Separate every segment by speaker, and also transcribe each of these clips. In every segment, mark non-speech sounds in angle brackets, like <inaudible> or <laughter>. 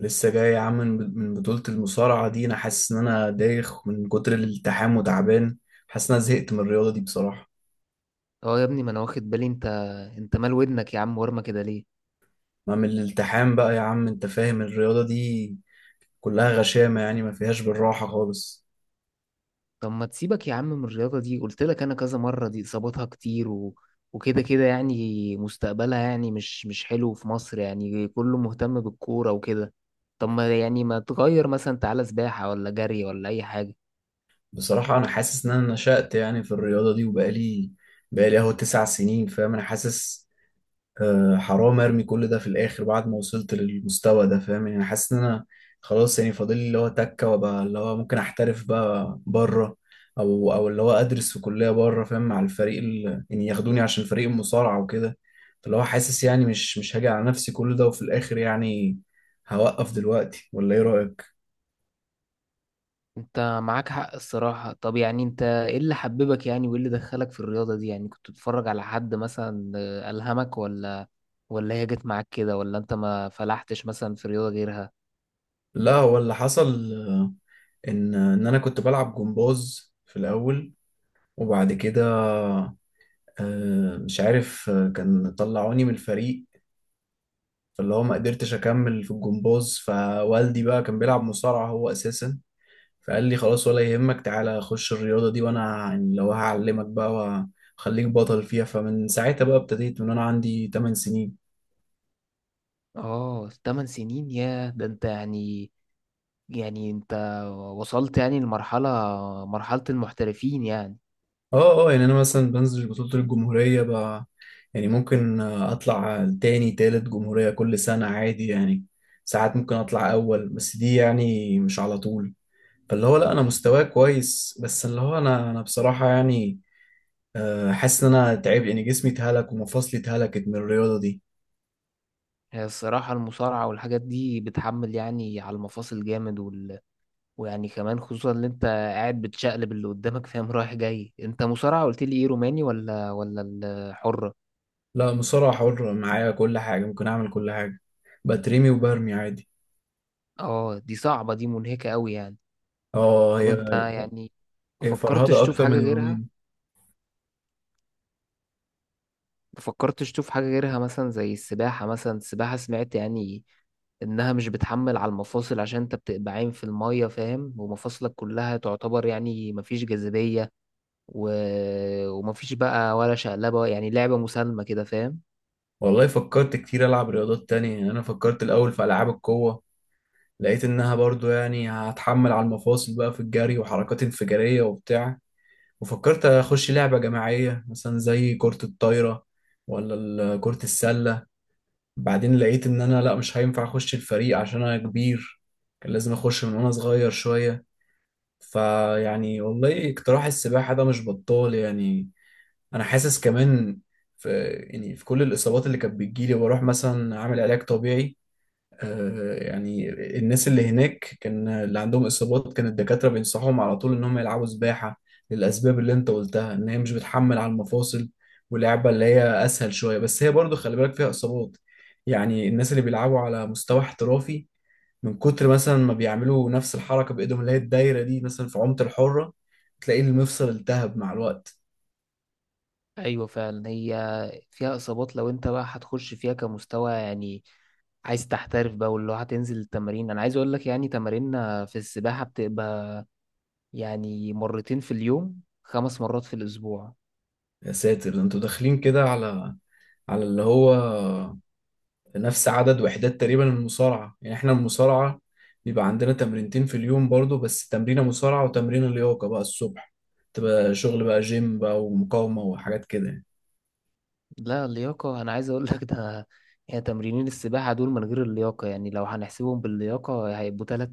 Speaker 1: لسه جاي يا عم من بطولة المصارعة دي، انا حاسس ان انا دايخ من كتر الالتحام وتعبان. حاسس ان انا زهقت من الرياضة دي بصراحة.
Speaker 2: اه يا ابني، ما انا واخد بالي. انت مال ودنك يا عم ورمه كده ليه؟
Speaker 1: ما من الالتحام بقى يا عم، انت فاهم الرياضة دي كلها غشامة، يعني ما فيهاش بالراحة خالص.
Speaker 2: طب ما تسيبك يا عم من الرياضه دي، قلت لك انا كذا مره دي اصاباتها كتير وكده كده، يعني مستقبلها يعني مش حلو في مصر، يعني كله مهتم بالكوره وكده. طب ما يعني، ما تغير مثلا، تعالى سباحه ولا جري ولا اي حاجه؟
Speaker 1: بصراحة انا حاسس ان انا نشأت يعني في الرياضة دي، وبقالي اهو 9 سنين فاهم. انا حاسس حرام ارمي كل ده في الاخر بعد ما وصلت للمستوى ده، فاهم يعني. حاسس ان انا خلاص يعني فاضل لي اللي هو تكه، وابقى اللي هو ممكن احترف بقى بره، او اللي هو ادرس في كليه بره، فاهم، مع الفريق يعني ياخدوني عشان فريق المصارعه وكده. فاللي هو حاسس يعني مش هاجي على نفسي كل ده وفي الاخر يعني هوقف دلوقتي، ولا ايه رايك؟
Speaker 2: انت معاك حق الصراحه. طب يعني انت ايه اللي حببك يعني، وايه اللي دخلك في الرياضه دي؟ يعني كنت بتتفرج على حد مثلا الهمك، ولا هي جت معاك كده، ولا انت ما فلحتش مثلا في رياضه غيرها؟
Speaker 1: لا، هو اللي حصل ان انا كنت بلعب جمباز في الاول، وبعد كده مش عارف، كان طلعوني من الفريق. فاللي هو ما قدرتش اكمل في الجمباز، فوالدي بقى كان بيلعب مصارعة هو اساسا، فقال لي خلاص ولا يهمك، تعالى خش الرياضة دي وانا يعني لو هعلمك بقى وخليك بطل فيها. فمن ساعتها بقى ابتديت من انا عندي 8 سنين.
Speaker 2: اه، 8 سنين، يا ده انت يعني. يعني انت وصلت يعني لمرحلة المحترفين يعني.
Speaker 1: اه اه، يعني انا مثلا بنزل بطولة الجمهورية بقى، يعني ممكن اطلع تاني تالت جمهورية كل سنة عادي يعني. ساعات ممكن اطلع اول، بس دي يعني مش على طول. فاللي هو لا، انا مستواي كويس، بس اللي هو انا بصراحة يعني حاسس ان انا تعبت، ان جسمي اتهلك ومفاصلي اتهلكت من الرياضه دي.
Speaker 2: هي الصراحة المصارعة والحاجات دي بتحمل يعني على المفاصل جامد، ويعني كمان خصوصا اللي انت قاعد بتشقلب اللي قدامك، فاهم، رايح جاي. انت مصارعة، قلت لي ايه، روماني ولا الحرة؟
Speaker 1: لا، مصارعه حره معايا، كل حاجه ممكن اعمل، كل حاجه بترمي وبرمي عادي.
Speaker 2: اه، دي صعبة، دي منهكة قوي يعني.
Speaker 1: اه
Speaker 2: طب
Speaker 1: هي.
Speaker 2: انت يعني، ما
Speaker 1: فرهده
Speaker 2: فكرتش تشوف
Speaker 1: اكتر
Speaker 2: حاجة
Speaker 1: من
Speaker 2: غيرها؟
Speaker 1: الروماني.
Speaker 2: مفكرتش تشوف حاجة غيرها، مثلا زي السباحة؟ مثلا السباحة سمعت يعني إنها مش بتحمل على المفاصل، عشان أنت بتبقى عايم في المية، فاهم، ومفاصلك كلها تعتبر يعني مفيش جاذبية و... ومفيش بقى ولا شقلبة، يعني لعبة مسالمة كده، فاهم.
Speaker 1: والله فكرت كتير العب رياضات تانية. يعني انا فكرت الاول في العاب القوه، لقيت انها برضو يعني هتحمل على المفاصل بقى في الجري وحركات انفجاريه وبتاع. وفكرت اخش لعبه جماعيه مثلا زي كره الطايره ولا كره السله. بعدين لقيت ان انا لا، مش هينفع اخش الفريق عشان انا كبير، كان لازم اخش من وانا صغير شوية. فيعني والله اقتراح السباحة ده مش بطال يعني. انا حاسس كمان في، يعني في كل الاصابات اللي كانت بتجيلي بروح مثلا اعمل علاج طبيعي، يعني الناس اللي هناك، كان اللي عندهم اصابات كان الدكاتره بينصحهم على طول ان هم يلعبوا سباحه، للاسباب اللي انت قلتها ان هي مش بتحمل على المفاصل، ولعبه اللي هي اسهل شويه. بس هي برضو خلي بالك، فيها اصابات، يعني الناس اللي بيلعبوا على مستوى احترافي، من كتر مثلا ما بيعملوا نفس الحركه بايدهم اللي هي الدايره دي مثلا في عمق الحره، تلاقي المفصل التهب مع الوقت.
Speaker 2: أيوة فعلا، هي فيها إصابات. لو أنت بقى هتخش فيها كمستوى يعني، عايز تحترف بقى، واللي هو هتنزل التمارين، أنا عايز أقول لك يعني تماريننا في السباحة بتبقى يعني مرتين في اليوم، خمس مرات في الأسبوع.
Speaker 1: يا ساتر، ده انتوا داخلين كده على، على اللي هو نفس عدد وحدات تقريبا من المصارعة. يعني احنا المصارعة بيبقى عندنا تمرينتين في اليوم برضو، بس تمرينة مصارعة وتمرينة لياقة بقى الصبح، تبقى شغل بقى جيم بقى ومقاومة وحاجات كده يعني.
Speaker 2: لا، اللياقة أنا عايز أقول لك ده، يعني تمرينين السباحة دول من غير اللياقة. يعني لو هنحسبهم باللياقة هيبقوا تلت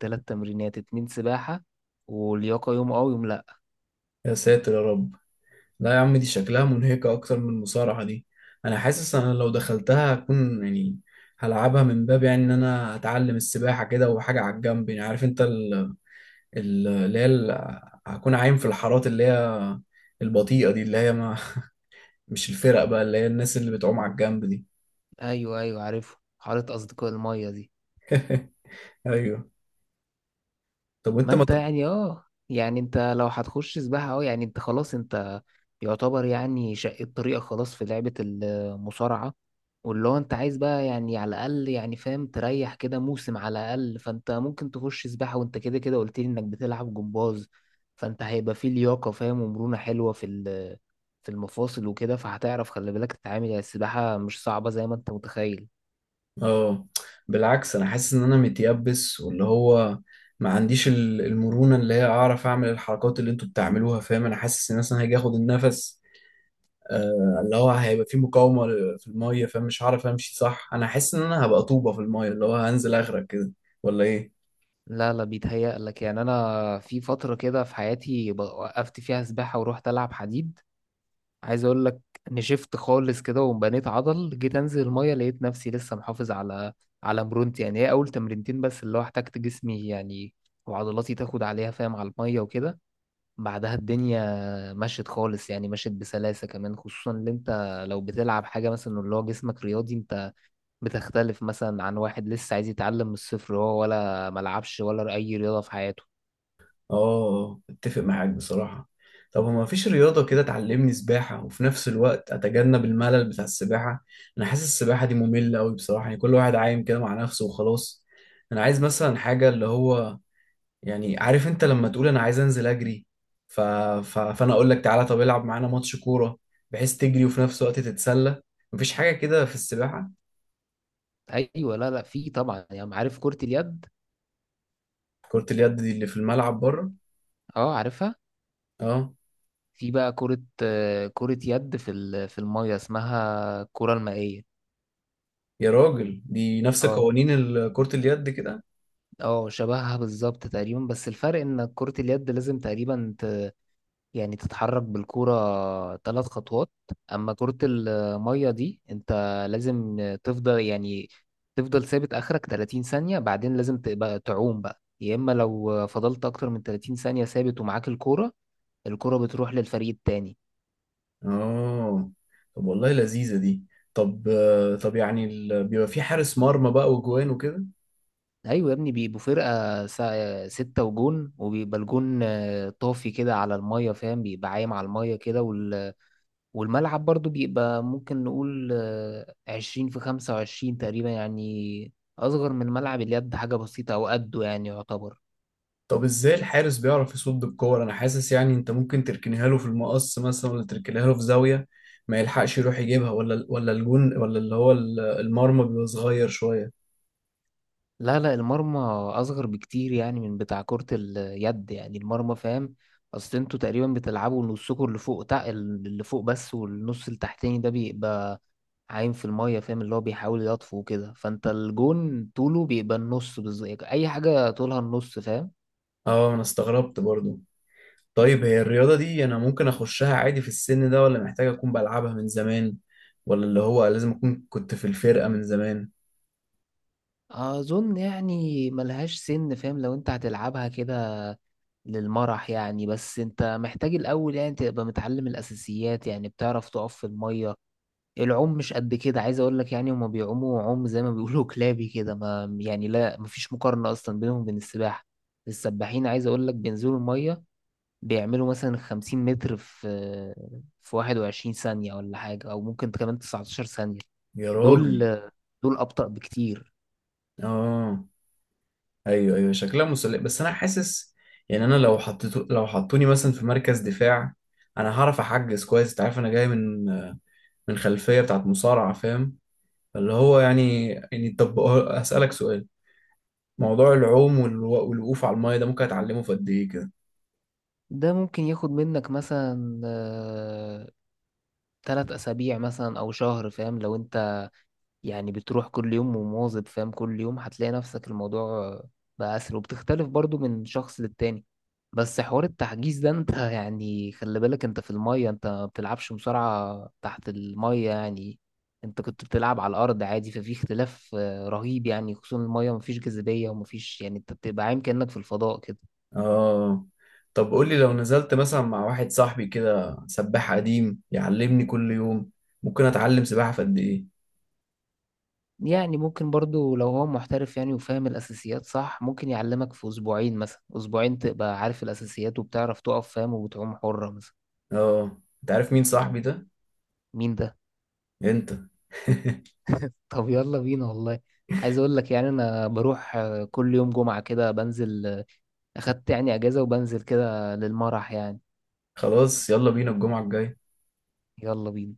Speaker 2: تلت تمرينات، اتنين سباحة ولياقة، يوم أه ويوم لأ.
Speaker 1: يا ساتر يا رب، لا يا عم دي شكلها منهكة أكتر من المصارعة دي. أنا حاسس أنا لو دخلتها هكون يعني هلعبها من باب يعني إن أنا هتعلم السباحة كده وحاجة على الجنب، يعني عارف أنت ال- اللي هي ال- هكون عايم في الحارات اللي هي البطيئة دي، اللي هي ما مش الفرق بقى، اللي هي الناس اللي بتعوم على الجنب دي.
Speaker 2: أيوه أيوه، عارفه، حارة أصدقاء المية دي.
Speaker 1: ايوه. طب
Speaker 2: ما
Speaker 1: وانت ما
Speaker 2: انت
Speaker 1: تر-
Speaker 2: يعني، يعني انت لو هتخش سباحة، يعني انت خلاص، انت يعتبر يعني شقيت طريقك خلاص في لعبة المصارعة، واللي هو انت عايز بقى يعني على الأقل، يعني فاهم، تريح كده موسم على الأقل. فانت ممكن تخش سباحة، وانت كده كده قلت لي انك بتلعب جمباز، فانت هيبقى فيه لياقة، فاهم، ومرونة حلوة في في المفاصل وكده، فهتعرف. خلي بالك تتعامل، يعني السباحة مش صعبة زي ما انت متخيل.
Speaker 1: اه بالعكس، انا حاسس ان انا متيبس، واللي هو ما عنديش المرونة اللي هي اعرف اعمل الحركات اللي انتوا بتعملوها، فاهم. انا حاسس ان مثلا هاجي اخد النفس، آه اللي هو هيبقى في مقاومة في المية، فاهم، مش هعرف امشي صح. انا حاسس ان انا هبقى طوبة في المية، اللي هو هنزل اغرق كده ولا ايه؟
Speaker 2: لا لا، بيتهيأ لك. يعني انا في فتره كده في حياتي وقفت فيها سباحه ورحت العب حديد، عايز اقول لك. نشفت خالص كده وبنيت عضل. جيت انزل الميه لقيت نفسي لسه محافظ على مرونتي. يعني هي اول تمرينتين بس اللي هو احتجت جسمي يعني وعضلاتي تاخد عليها، فاهم، على الميه وكده. بعدها الدنيا مشت خالص، يعني مشت بسلاسه كمان، خصوصا ان انت لو بتلعب حاجه مثلا اللي هو جسمك رياضي، انت بتختلف مثلا عن واحد لسه عايز يتعلم من الصفر، هو ولا ملعبش ولا اي رياضه في حياته.
Speaker 1: اه، اتفق معاك بصراحة. طب هو مفيش رياضة كده تعلمني سباحة وفي نفس الوقت أتجنب الملل بتاع السباحة؟ أنا حاسس السباحة دي مملة أوي بصراحة، يعني كل واحد عايم كده مع نفسه وخلاص. أنا عايز مثلا حاجة اللي هو، يعني عارف أنت لما تقول أنا عايز أنزل أجري، ف... فأنا أقول لك تعالى طب العب معانا ماتش كورة، بحيث تجري وفي نفس الوقت تتسلى. مفيش حاجة كده في السباحة.
Speaker 2: ايوه. لا لا، في طبعا، يعني عارف كرة اليد.
Speaker 1: كرة اليد دي اللي في الملعب بره؟
Speaker 2: اه عارفها.
Speaker 1: أه.
Speaker 2: في بقى كرة يد في في المية، اسمها الكرة المائية.
Speaker 1: يا راجل دي نفس
Speaker 2: اه
Speaker 1: قوانين كرة اليد كده.
Speaker 2: اه، شبهها بالظبط تقريبا، بس الفرق ان كرة اليد لازم تقريبا، يعني تتحرك بالكرة 3 خطوات. اما كرة المية دي انت لازم تفضل، يعني تفضل ثابت اخرك 30 ثانية، بعدين لازم تبقى تعوم بقى، يا اما لو فضلت اكتر من 30 ثانية ثابت ومعاك الكرة، الكرة بتروح للفريق التاني.
Speaker 1: اه. طب والله لذيذة دي. طب طب يعني بيبقى في حارس مرمى بقى وجوان وكده؟
Speaker 2: ايوه يا ابني، بيبقوا فرقه سته وجون، وبيبقى الجون طافي كده على الميه، فاهم، بيبقى عايم على الميه كده، والملعب برضو بيبقى ممكن نقول 20 في 25 تقريبا يعني، اصغر من ملعب اليد حاجه بسيطه، او قده يعني يعتبر.
Speaker 1: طب ازاي الحارس بيعرف يصد الكور؟ انا حاسس يعني انت ممكن تركنيها له في المقص مثلا، ولا تركنيها له في زاوية ما يلحقش يروح يجيبها، ولا الجون، ولا اللي هو المرمى بيبقى صغير شوية؟
Speaker 2: لا لا، المرمى اصغر بكتير، يعني من بتاع كره اليد، يعني المرمى فاهم. اصل انتوا تقريبا بتلعبوا نصكم اللي فوق بس، والنص التحتاني ده بيبقى عايم في المية، فاهم، اللي هو بيحاول يطفو وكده. فانت الجون طوله بيبقى النص بالظبط، اي حاجة طولها النص فاهم.
Speaker 1: اه انا استغربت برضو. طيب هي الرياضة دي انا ممكن اخشها عادي في السن ده، ولا محتاج اكون بلعبها من زمان، ولا اللي هو لازم اكون كنت في الفرقة من زمان؟
Speaker 2: اظن يعني ملهاش سن، فاهم، لو انت هتلعبها كده للمرح يعني، بس انت محتاج الاول يعني تبقى متعلم الاساسيات، يعني بتعرف تقف في المية. العوم مش قد كده، عايز اقول لك، يعني هما بيعوموا عوم زي ما بيقولوا <laughs> كلابي كده، ما يعني لا، مفيش مقارنة اصلا بينهم وبين السباحة. السباحين عايز اقول لك بينزلوا المية بيعملوا مثلا 50 متر في 21 ثانية ولا حاجة، أو ممكن كمان 19 ثانية.
Speaker 1: يا
Speaker 2: دول
Speaker 1: راجل.
Speaker 2: دول أبطأ بكتير.
Speaker 1: اه ايوه ايوه، شكلها مسلية. بس انا حاسس يعني انا لو حطيتو، لو حطوني مثلا في مركز دفاع، انا هعرف احجز كويس. انت عارف انا جاي من، من خلفية بتاعت مصارعة، فاهم اللي هو يعني. طب اسالك سؤال، موضوع العوم والوقوف على المايه ده ممكن اتعلمه في قد ايه كده؟
Speaker 2: ده ممكن ياخد منك مثلا 3 أسابيع مثلا أو شهر، فاهم، لو أنت يعني بتروح كل يوم ومواظب، فاهم، كل يوم هتلاقي نفسك الموضوع بقى أسهل، وبتختلف برضو من شخص للتاني. بس حوار التحجيز ده انت <laughs> يعني خلي بالك، انت في المية، انت ما بتلعبش مصارعة تحت المية يعني، انت كنت بتلعب على الأرض عادي، ففي اختلاف رهيب يعني، خصوصا المية مفيش جاذبية ومفيش، يعني انت بتبقى عايم كأنك في الفضاء كده.
Speaker 1: اه. طب قول لي لو نزلت مثلا مع واحد صاحبي كده سباح قديم يعلمني كل يوم، ممكن اتعلم سباحة في قد ايه؟
Speaker 2: يعني ممكن برضو لو هو محترف يعني، وفاهم الأساسيات صح، ممكن يعلمك في أسبوعين، مثلا أسبوعين تبقى عارف الأساسيات، وبتعرف تقف فاهم، وبتعوم حرة مثلا.
Speaker 1: اه، انت عارف مين صاحبي ده؟
Speaker 2: مين ده؟
Speaker 1: انت. <laughs>
Speaker 2: <laughs> طب يلا بينا والله. عايز اقول لك يعني انا بروح كل يوم جمعة كده، بنزل، اخدت يعني اجازة، وبنزل كده للمرح يعني.
Speaker 1: خلاص، يلا بينا الجمعة الجاية.
Speaker 2: يلا بينا.